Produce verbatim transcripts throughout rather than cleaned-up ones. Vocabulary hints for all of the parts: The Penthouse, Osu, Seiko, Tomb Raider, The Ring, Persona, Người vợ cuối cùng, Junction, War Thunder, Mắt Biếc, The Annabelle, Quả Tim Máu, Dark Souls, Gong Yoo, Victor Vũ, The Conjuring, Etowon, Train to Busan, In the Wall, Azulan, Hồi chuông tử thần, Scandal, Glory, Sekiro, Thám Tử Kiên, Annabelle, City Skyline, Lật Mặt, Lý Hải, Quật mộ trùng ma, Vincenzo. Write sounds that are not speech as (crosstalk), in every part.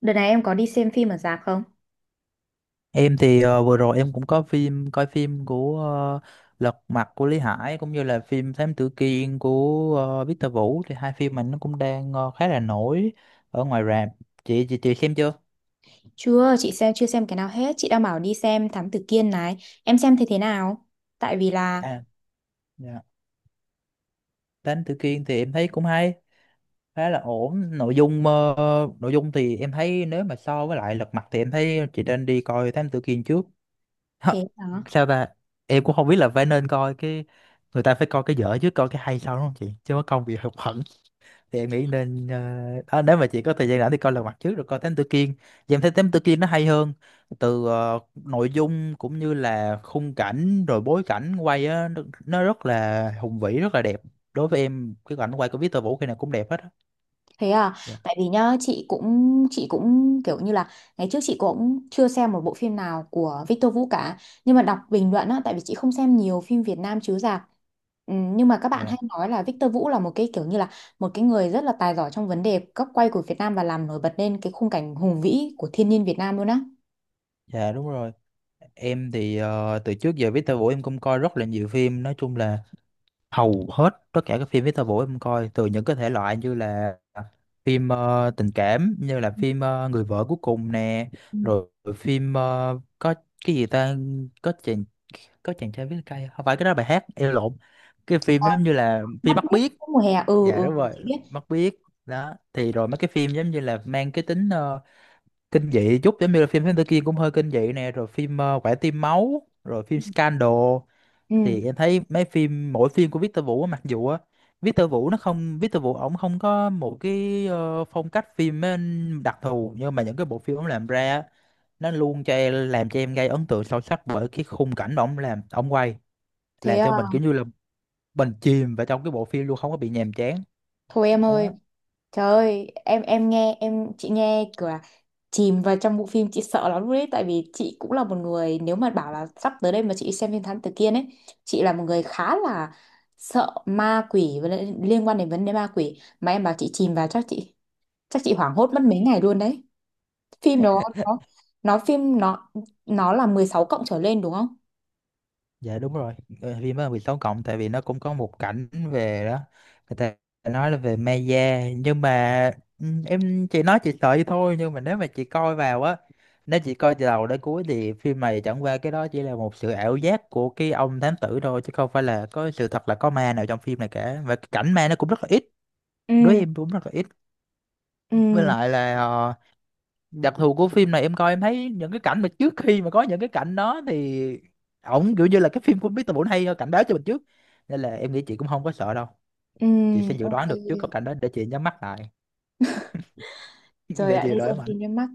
Đợt này em có đi xem phim ở rạp không? Em thì ờ, vừa rồi em cũng có phim coi phim của ờ, Lật Mặt của Lý Hải cũng như là phim Thám Tử Kiên của ờ, Victor Vũ thì hai phim mình nó cũng đang ờ, khá là nổi ở ngoài rạp. Chị chị chị xem chưa? Chưa, chị xem chưa xem cái nào hết. Chị đang bảo đi xem Thám Tử Kiên này. Em xem thế thế nào? Tại vì là À dạ. Thám Tử Kiên thì em thấy cũng hay, khá là ổn. Nội dung ờ, nội dung thì em thấy nếu mà so với lại Lật Mặt thì em thấy chị nên đi coi Thám Tử Kiên trước. (laughs) Hả? thế đó. Sao ta? Em cũng không biết là phải nên coi cái người ta phải coi cái dở trước coi cái hay sau đúng không chị? Chứ có công bị hụt học thì em nghĩ nên ờ, à, nếu mà chị có thời gian rảnh thì coi Lật Mặt trước rồi coi Thám Tử Kiên thì em thấy Thám Tử Kiên nó hay hơn từ ờ, nội dung cũng như là khung cảnh rồi bối cảnh quay á nó, nó rất là hùng vĩ rất là đẹp. Đối với em cái cảnh quay của Victor Vũ khi nào cũng đẹp hết á. Thế à, Dạ. tại vì nhá, chị cũng chị cũng kiểu như là ngày trước chị cũng chưa xem một bộ phim nào của Victor Vũ cả. Nhưng mà đọc bình luận á, tại vì chị không xem nhiều phim Việt Nam chiếu rạp. Ừ, nhưng mà các bạn dạ hay nói là Victor Vũ là một cái kiểu như là một cái người rất là tài giỏi trong vấn đề góc quay của Việt Nam và làm nổi bật lên cái khung cảnh hùng vĩ của thiên nhiên Việt Nam luôn á. dạ đúng rồi. Em thì ờ, từ trước giờ Victor Vũ em cũng coi rất là nhiều phim, nói chung là hầu hết tất cả các phim festival em coi, từ những cái thể loại như là phim ờ, tình cảm như là phim ờ, Người vợ cuối cùng nè, Ừ. rồi phim ờ, có cái gì ta, có chàng, có chàng trai viết cây, không phải cái đó là bài hát em lộn, cái phim Ờ, giống như là phim mắt Mắt mít Biếc. mùa hè. Ừ, Dạ ừ, đúng rồi, chị biết. Mắt Biếc đó, thì rồi mấy cái phim giống như là mang cái tính ờ, kinh dị chút, giống như là phim Thám Tử Kiên cũng hơi kinh dị nè, rồi phim ờ, Quả Tim Máu rồi phim Scandal, thì Ừ, em thấy mấy phim mỗi phim của Victor Vũ á, mặc dù á, Victor Vũ nó không Victor Vũ ổng không có một cái ờ, phong cách phim á, đặc thù, nhưng mà những cái bộ phim ổng làm ra á, nó luôn cho em làm cho em gây ấn tượng sâu sắc bởi cái khung cảnh mà ổng làm ổng quay, thế làm à. cho mình kiểu như là mình chìm vào trong cái bộ phim luôn, không có bị nhàm chán. Thôi em ơi, Đó. trời ơi em em nghe em chị nghe kiểu là chìm vào trong bộ phim chị sợ lắm luôn đấy. Tại vì chị cũng là một người, nếu mà bảo là sắp tới đây mà chị đi xem phim Thám Tử Kiên ấy, chị là một người khá là sợ ma quỷ với lại liên quan đến vấn đề ma quỷ mà em bảo chị chìm vào, chắc chị, chắc chị hoảng hốt mất mấy ngày luôn đấy. Phim đó nó nó phim nó nó là mười sáu cộng trở lên, đúng không? Dạ đúng rồi. Ờ, phim đó là mười sáu cộng, tại vì nó cũng có một cảnh về đó người ta nói là về ma da, nhưng mà ừ, em chỉ nói chị sợ vậy thôi, nhưng mà nếu mà chị coi vào á, nếu chị coi từ đầu đến cuối thì phim này chẳng qua cái đó chỉ là một sự ảo giác của cái ông thám tử thôi, chứ không phải là có sự thật là có ma nào trong phim này cả, và cái cảnh ma nó cũng rất là ít, Ừ. đối với em cũng rất là ít. với Ừ. lại là ờ, đặc thù của phim này em coi em thấy những cái cảnh mà trước khi mà có những cái cảnh đó thì ổng kiểu như là cái phim của mít tơ Bổn hay cảnh báo cho mình trước, nên là em nghĩ chị cũng không có sợ đâu, Ừ. chị sẽ dự Ok. đoán được trước cái cảnh đó để chị nhắm mắt lại. (laughs) Rồi Để ạ, chị đi đợi xem mạnh. phim nhắm mắt.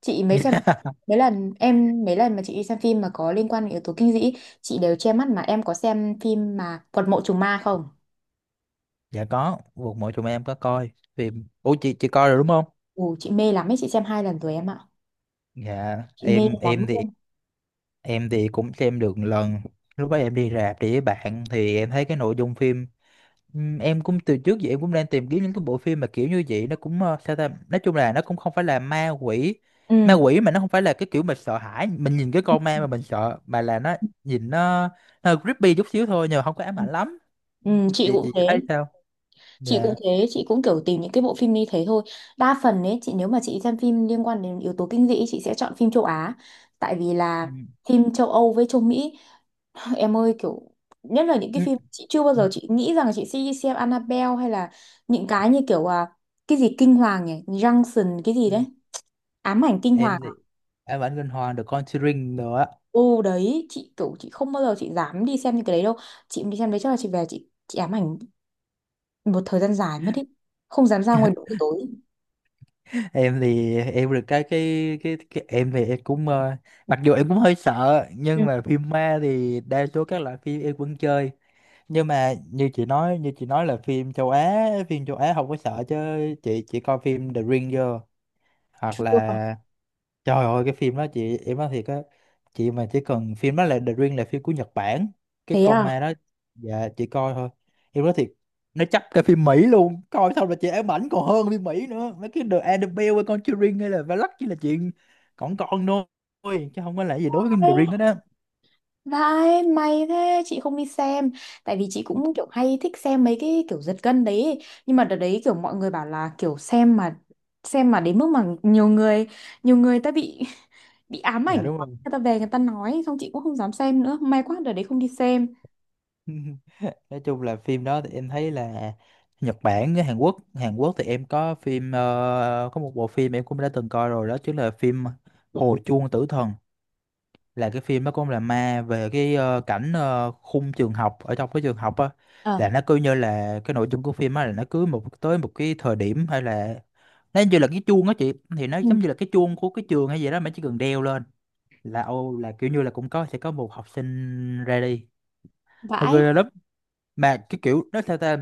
Chị mấy xem (laughs) Mấy lần em, mấy lần mà chị đi xem phim mà có liên quan đến yếu tố kinh dị, chị đều che mắt. Mà em có xem phim mà Quật mộ trùng ma không? Dạ có, một mọi chúng em có coi phim, ủa chị chị coi rồi đúng không. Ừ, chị mê lắm ấy, chị xem hai lần rồi em ạ. dạ Chị mê em lắm em thì luôn. em thì cũng xem được một lần, lúc đó em đi rạp đi với bạn thì em thấy cái nội dung phim. Ừm, em cũng từ trước giờ em cũng đang tìm kiếm những cái bộ phim mà kiểu như vậy, nó cũng ờ, sao ta, nói chung là nó cũng không phải là ma quỷ, ma Ừ. quỷ mà nó không phải là cái kiểu mình sợ hãi mình nhìn cái con ma mà mình sợ, mà là nó nhìn nó nó hơi creepy chút xíu thôi nhưng mà không có ám ảnh lắm. Ừ, chị chị cũng chị thấy thế. sao? Chị cũng dạ. Thế chị cũng kiểu tìm những cái bộ phim như thế thôi. Đa phần ấy chị, nếu mà chị xem phim liên quan đến yếu tố kinh dị, chị sẽ chọn phim châu Á. Tại vì là Ừm, phim châu Âu với châu Mỹ (laughs) (sighs) em ơi, kiểu nhất là những cái ừm, phim chị chưa bao ừm, giờ chị nghĩ rằng chị sẽ đi xem Annabelle hay là những cái như kiểu à, cái gì kinh hoàng nhỉ? Junction cái gì đấy, ám ảnh kinh hoàng em à? thì ám ảnh kinh hoàng The Conjuring nữa. Ô đấy chị kiểu chị không bao giờ chị dám đi xem những cái đấy đâu. Chị đi xem đấy chắc là chị về chị chị ám ảnh một thời gian dài mất ý, không dám ra ngoài đường buổi tối. Em thì em được cái cái cái, cái em thì em cũng ờ, mặc dù em cũng hơi sợ Ừ. nhưng mà phim ma thì đa số các loại phim em vẫn chơi, nhưng mà như chị nói như chị nói là phim châu Á, phim châu Á không có sợ chứ chị chỉ coi phim The Ring vô, hoặc Chưa. là trời ơi cái phim đó chị, em nói thiệt á, chị mà chỉ cần phim đó là The Ring là phim của Nhật Bản, cái Thế con à? ma đó dạ chị coi thôi em nói thiệt, nó chấp cái phim Mỹ luôn, coi xong là chị ám ảnh còn hơn phim Mỹ nữa, mấy cái The Annabelle hay Conjuring hay là Valak chỉ là chuyện còn con thôi chứ không có là gì đối với Ê, The Ring đó. Đó vãi, may thế, chị không đi xem. Tại vì chị cũng kiểu hay thích xem mấy cái kiểu giật gân đấy ấy. Nhưng mà đợt đấy kiểu mọi người bảo là kiểu xem mà xem mà đến mức mà nhiều người, nhiều người ta bị (laughs) bị ám dạ ảnh đúng quá. rồi. Người ta về người ta nói. Xong chị cũng không dám xem nữa, may quá đợt đấy không đi xem. (laughs) Nói chung là phim đó thì em thấy là Nhật Bản với Hàn Quốc, Hàn Quốc thì em có phim ờ, có một bộ phim em cũng đã từng coi rồi, đó chính là phim Hồi chuông tử thần, là cái phim nó cũng là ma về cái ờ, cảnh ờ, khung trường học, ở trong cái trường học á, Ờ. là nó cứ như là cái nội dung của phim á, là nó cứ một tới một cái thời điểm hay là nó như là cái chuông á chị, thì nó Ừ. giống như là cái chuông của cái trường hay gì đó mà chỉ cần đeo lên là ô, là kiểu như là cũng có sẽ có một học sinh ra đi, nó Vãi. ghê lắm, mà cái kiểu nó theo ta,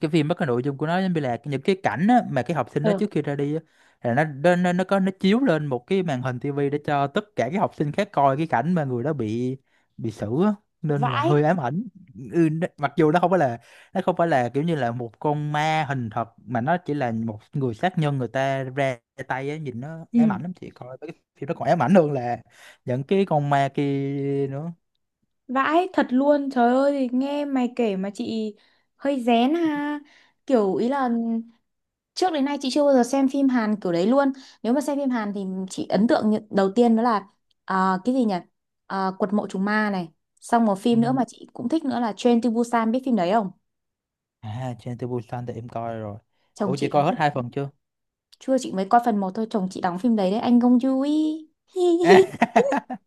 cái phim đó cái nội dung của nó giống như là những cái cảnh á, mà cái học sinh đó Ờ. trước khi ra đi á, là nó nó nó nó có nó chiếu lên một cái màn hình tivi để cho tất cả các học sinh khác coi cái cảnh mà người đó bị bị xử á, nên là Vãi. hơi ám ảnh. Ừ, nó- mặc dù nó không phải là, nó không phải là kiểu như là một con ma hình thật, mà nó chỉ là một người sát nhân người ta ra tay á, nhìn nó Ừ. ám ảnh lắm chị, coi mấy cái phim nó còn ám ảnh hơn là những cái con ma kia nữa. Vãi, thật luôn. Trời ơi, nghe mày kể mà chị hơi rén ha. Kiểu ý là trước đến nay chị chưa bao giờ xem phim Hàn kiểu đấy luôn. Nếu mà xem phim Hàn thì chị ấn tượng như- đầu tiên đó là à, cái gì nhỉ? À, Quật mộ trùng ma này. Xong một Ừ. phim nữa mà chị cũng thích nữa là Train to Busan, biết phim đấy không? À Train to Busan thì em coi rồi, Chồng ủa chị chị đóng coi hết hai phim. phần chưa? Chưa, chị mới coi phần một thôi, chồng chị đóng phim đấy đấy, anh Gong Yoo ấy. (laughs) (laughs)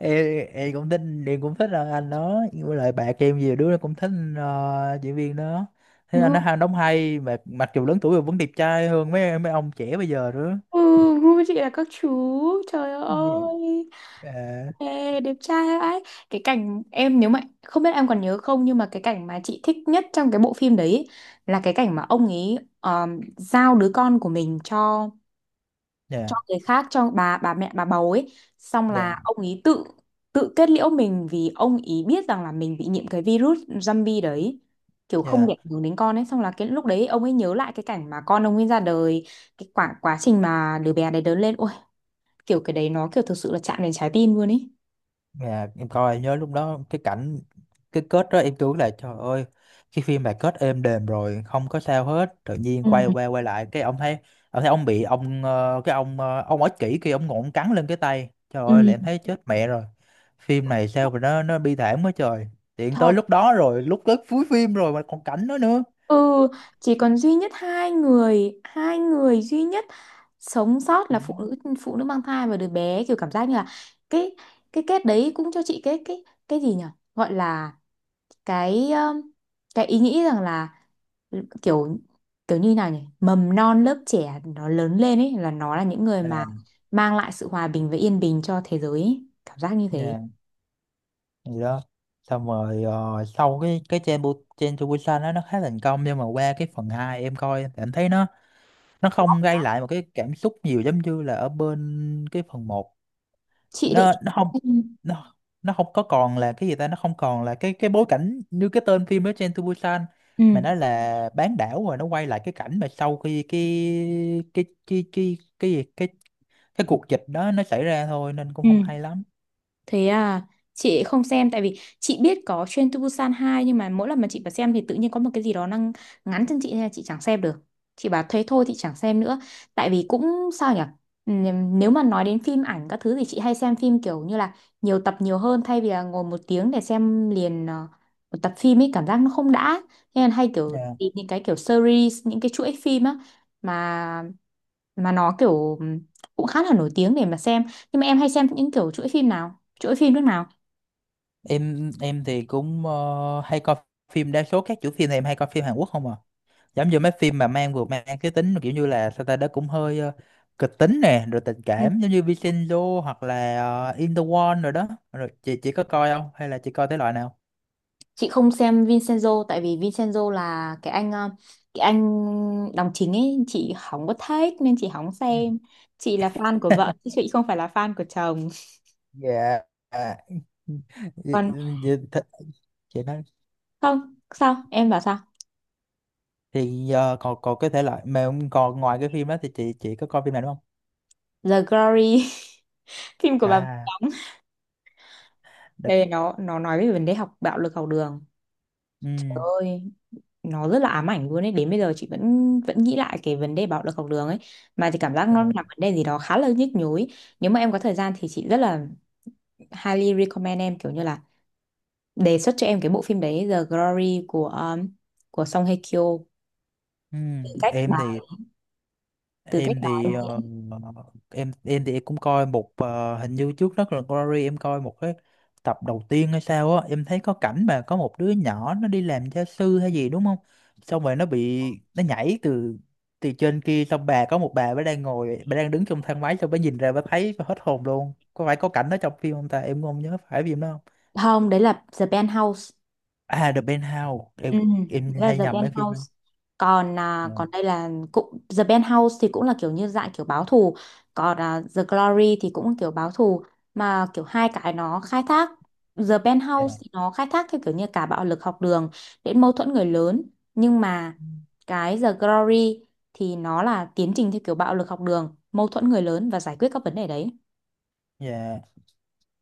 em, em cũng thích, em cũng thích ờ, anh đó, với lại bạn em nhiều đứa nó cũng thích ờ, diễn viên đó, thế anh nó hay đóng hay mà, mặc dù lớn tuổi rồi vẫn đẹp trai hơn mấy mấy ông trẻ bây giờ nữa. Ừ, gu chị là các chú. Trời ơi. Dạ. Ê, đẹp trai ấy. Cái cảnh em nếu mà không biết em còn nhớ không nhưng mà cái cảnh mà chị thích nhất trong cái bộ phim đấy là cái cảnh mà ông ấy um, giao đứa con của mình cho cho dạ người khác, cho bà, bà mẹ bà bầu ấy, xong dạ là ông ý tự tự kết liễu mình vì ông ý biết rằng là mình bị nhiễm cái virus zombie đấy, kiểu không dạ để ảnh hưởng đến con ấy. Xong là cái lúc đấy ông ấy nhớ lại cái cảnh mà con ông ấy ra đời, cái quả quá trình mà đứa bé đấy lớn lên, ôi kiểu cái đấy nó kiểu thực sự là chạm đến trái tim luôn ấy. Dạ, em coi nhớ lúc đó cái cảnh, cái kết đó em tưởng là trời ơi cái phim này kết êm đềm rồi không có sao hết, tự nhiên Ừ. quay qua quay lại cái ông thấy ông thấy ông bị ông ờ, cái ông ờ, ông ích kỷ kia ông ngộn cắn lên cái tay, trời ơi là Ừ. em thấy chết mẹ rồi, phim này sao mà nó nó bi thảm quá trời, tiện tới Thật. lúc đó rồi, lúc tới cuối phim rồi mà còn cảnh đó nữa. Ừ, chỉ còn duy nhất hai người, hai người duy nhất sống sót là phụ nữ, phụ nữ mang thai và đứa bé, kiểu cảm giác như là cái cái kết đấy cũng cho chị cái cái cái gì nhỉ? Gọi là cái um, cái ý nghĩ rằng là kiểu kiểu như nào nhỉ? Mầm non lớp trẻ nó lớn lên ấy là nó là những người mà dạ mang lại sự hòa bình và yên bình cho thế giới ấy. Cảm giác như thế. dạ gì đó. Xong rồi ờ, sau cái cái trên Bu- trên Busan đó nó khá thành công, nhưng mà qua cái phần hai em coi em thấy nó nó không gây lại một cái cảm xúc nhiều giống như là ở bên cái phần một, Chị lại. nó nó không Ừ. nó nó không có còn là cái gì ta, nó không còn là cái cái bối cảnh như cái tên phim đó Train to Busan, Ừ. mà nó là bán đảo, rồi nó quay lại cái cảnh mà sau khi cái cái cái cái cái gì cái cái cuộc dịch đó nó xảy ra thôi, nên cũng Ừ. không hay lắm. Thế à, chị không xem tại vì chị biết có Train to Busan hai nhưng mà mỗi lần mà chị vào xem thì tự nhiên có một cái gì đó đang ngắn chân chị nên là chị chẳng xem được. Chị bảo thế thôi thì chẳng xem nữa. Tại vì cũng sao nhỉ? Ừm, Nếu mà nói đến phim ảnh các thứ thì chị hay xem phim kiểu như là nhiều tập nhiều hơn thay vì là ngồi một tiếng để xem liền ờ, một tập phim ấy cảm giác nó không đã. Nên hay kiểu Dạ. tìm những cái kiểu series, những cái chuỗi phim á mà mà nó kiểu ừm, cũng khá là nổi tiếng để mà xem. Nhưng mà em hay xem những kiểu chuỗi phim nào? Chuỗi phim nước nào? em em thì cũng ờ, hay coi phim, đa số các chủ phim thì em hay coi phim Hàn Quốc không à, giống như mấy phim mà mang vừa mang cái tính kiểu như là sao ta, đó cũng hơi ờ, kịch tính nè, rồi tình Ừ. cảm, giống như Vincenzo hoặc là ờ, In the Wall, rồi đó rồi chị chị có coi không hay là chị coi thể loại nào? Chị không xem Vincenzo tại vì Vincenzo là cái anh ờ, cái anh đóng chính ấy, chị không có thích nên chị không Ừ. xem. Chị là fan của vợ chứ chị không phải là fan của chồng. Dạ. À, (laughs) dạ, Còn... dạ, th- chị nói Không sao, em bảo sao? thì ờ, còn còn cái thể loại mà còn ngoài cái phim đó thì chị chị có coi phim nào đúng không? The Glory. (laughs) Phim của bà Vĩ À đóng được. đây, nó nó nói về vấn đề học bạo lực học đường. Trời Ừ. ơi, nó rất là ám ảnh luôn ấy, đến bây giờ chị vẫn vẫn nghĩ lại cái vấn đề bạo lực học đường ấy mà chị cảm giác nó là vấn đề gì đó khá là nhức nhối. Nếu mà em có thời gian thì chị rất là highly recommend em, kiểu như là đề xuất cho em cái bộ phim đấy, The Glory của um, của Song Hye Kyo. Ừ, từ cách em bà thì Từ cách em bà ấy thì ờ, diễn. em em thì em cũng coi một ờ, hình như trước đó là Glory em coi một cái tập đầu tiên hay sao á, em thấy có cảnh mà có một đứa nhỏ nó đi làm gia sư hay gì đúng không, xong rồi nó bị nó nhảy từ, từ trên kia, xong bà có một bà bà đang ngồi, bà đang đứng trong thang máy, xong bà nhìn ra bà thấy bà hết hồn luôn, có phải có cảnh đó trong phim không ta, em cũng không nhớ phải phim đó không. Không, đấy là The Penthouse. À The Penthouse, Ừ, em đó em là hay The nhầm mấy phim Penthouse. ấy. Còn à, còn đây là cũng The Penthouse thì cũng là kiểu như dạng kiểu báo thù, còn à, The Glory thì cũng kiểu báo thù mà kiểu hai cái nó khai thác. The Penthouse Yeah, thì nó khai thác theo kiểu như cả bạo lực học đường đến mâu thuẫn người lớn, nhưng mà cái The Glory thì nó là tiến trình theo kiểu bạo lực học đường, mâu thuẫn người lớn và giải quyết các vấn đề đấy. yeah.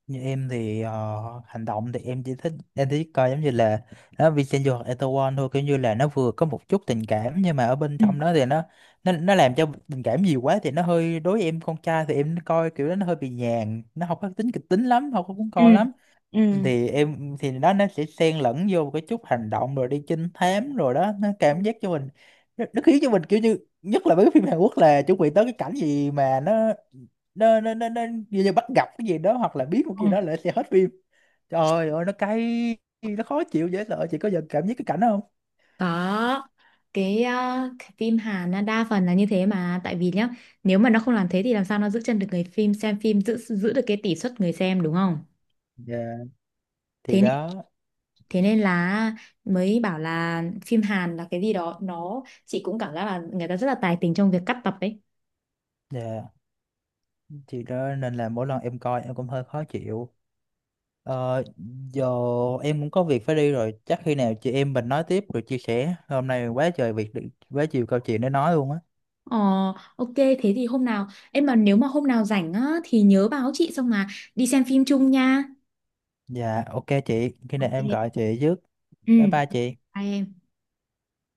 Như em thì ờ, hành động thì em chỉ thích, em chỉ coi giống như là nó Vincenzo hoặc Etowon thôi, kiểu như là nó vừa có một chút tình cảm nhưng mà ở bên Ừ. trong đó thì nó nó nó làm cho tình cảm nhiều quá thì nó hơi, đối với em con trai thì em coi kiểu đó nó hơi bị nhàn, nó không có tính kịch tính lắm, không có cuốn Ừ. coi lắm. Ừ. Thì em thì đó, nó sẽ xen lẫn vô một cái chút hành động rồi đi trinh thám, rồi đó nó cảm giác cho mình, nó, nó khiến cho mình kiểu như, nhất là mấy cái phim Hàn Quốc là chuẩn bị tới cái cảnh gì mà nó nó nó nó, nó như, như bắt gặp cái gì đó hoặc là biết một cái Ừ. gì đó là sẽ hết phim, trời ơi nó cay, nó khó chịu dễ sợ, chị có giờ cảm giác cái cảnh đó không? Có. cái, ờ, cái phim Hàn nó đa phần là như thế mà, tại vì nhá nếu mà nó không làm thế thì làm sao nó giữ chân được người phim xem phim, giữ giữ được cái tỷ suất người xem, đúng không? Dạ thì thế nên đó. thế nên là mới bảo là phim Hàn là cái gì đó nó, chị cũng cảm giác là người ta rất là tài tình trong việc cắt tập ấy. Dạ thì đó nên là mỗi lần em coi em cũng hơi khó chịu. Ờ, giờ em cũng có việc phải đi rồi, chắc khi nào chị em mình nói tiếp, rồi chia sẻ, hôm nay quá trời việc, quá nhiều câu chuyện để nói luôn á. Ờ, ok thế thì hôm nào em mà nếu mà hôm nào rảnh á thì nhớ báo chị, xong mà đi xem phim chung nha. Dạ ok chị, khi nào em Ok. gọi chị trước. Ừ, Bye bye chị. bye em.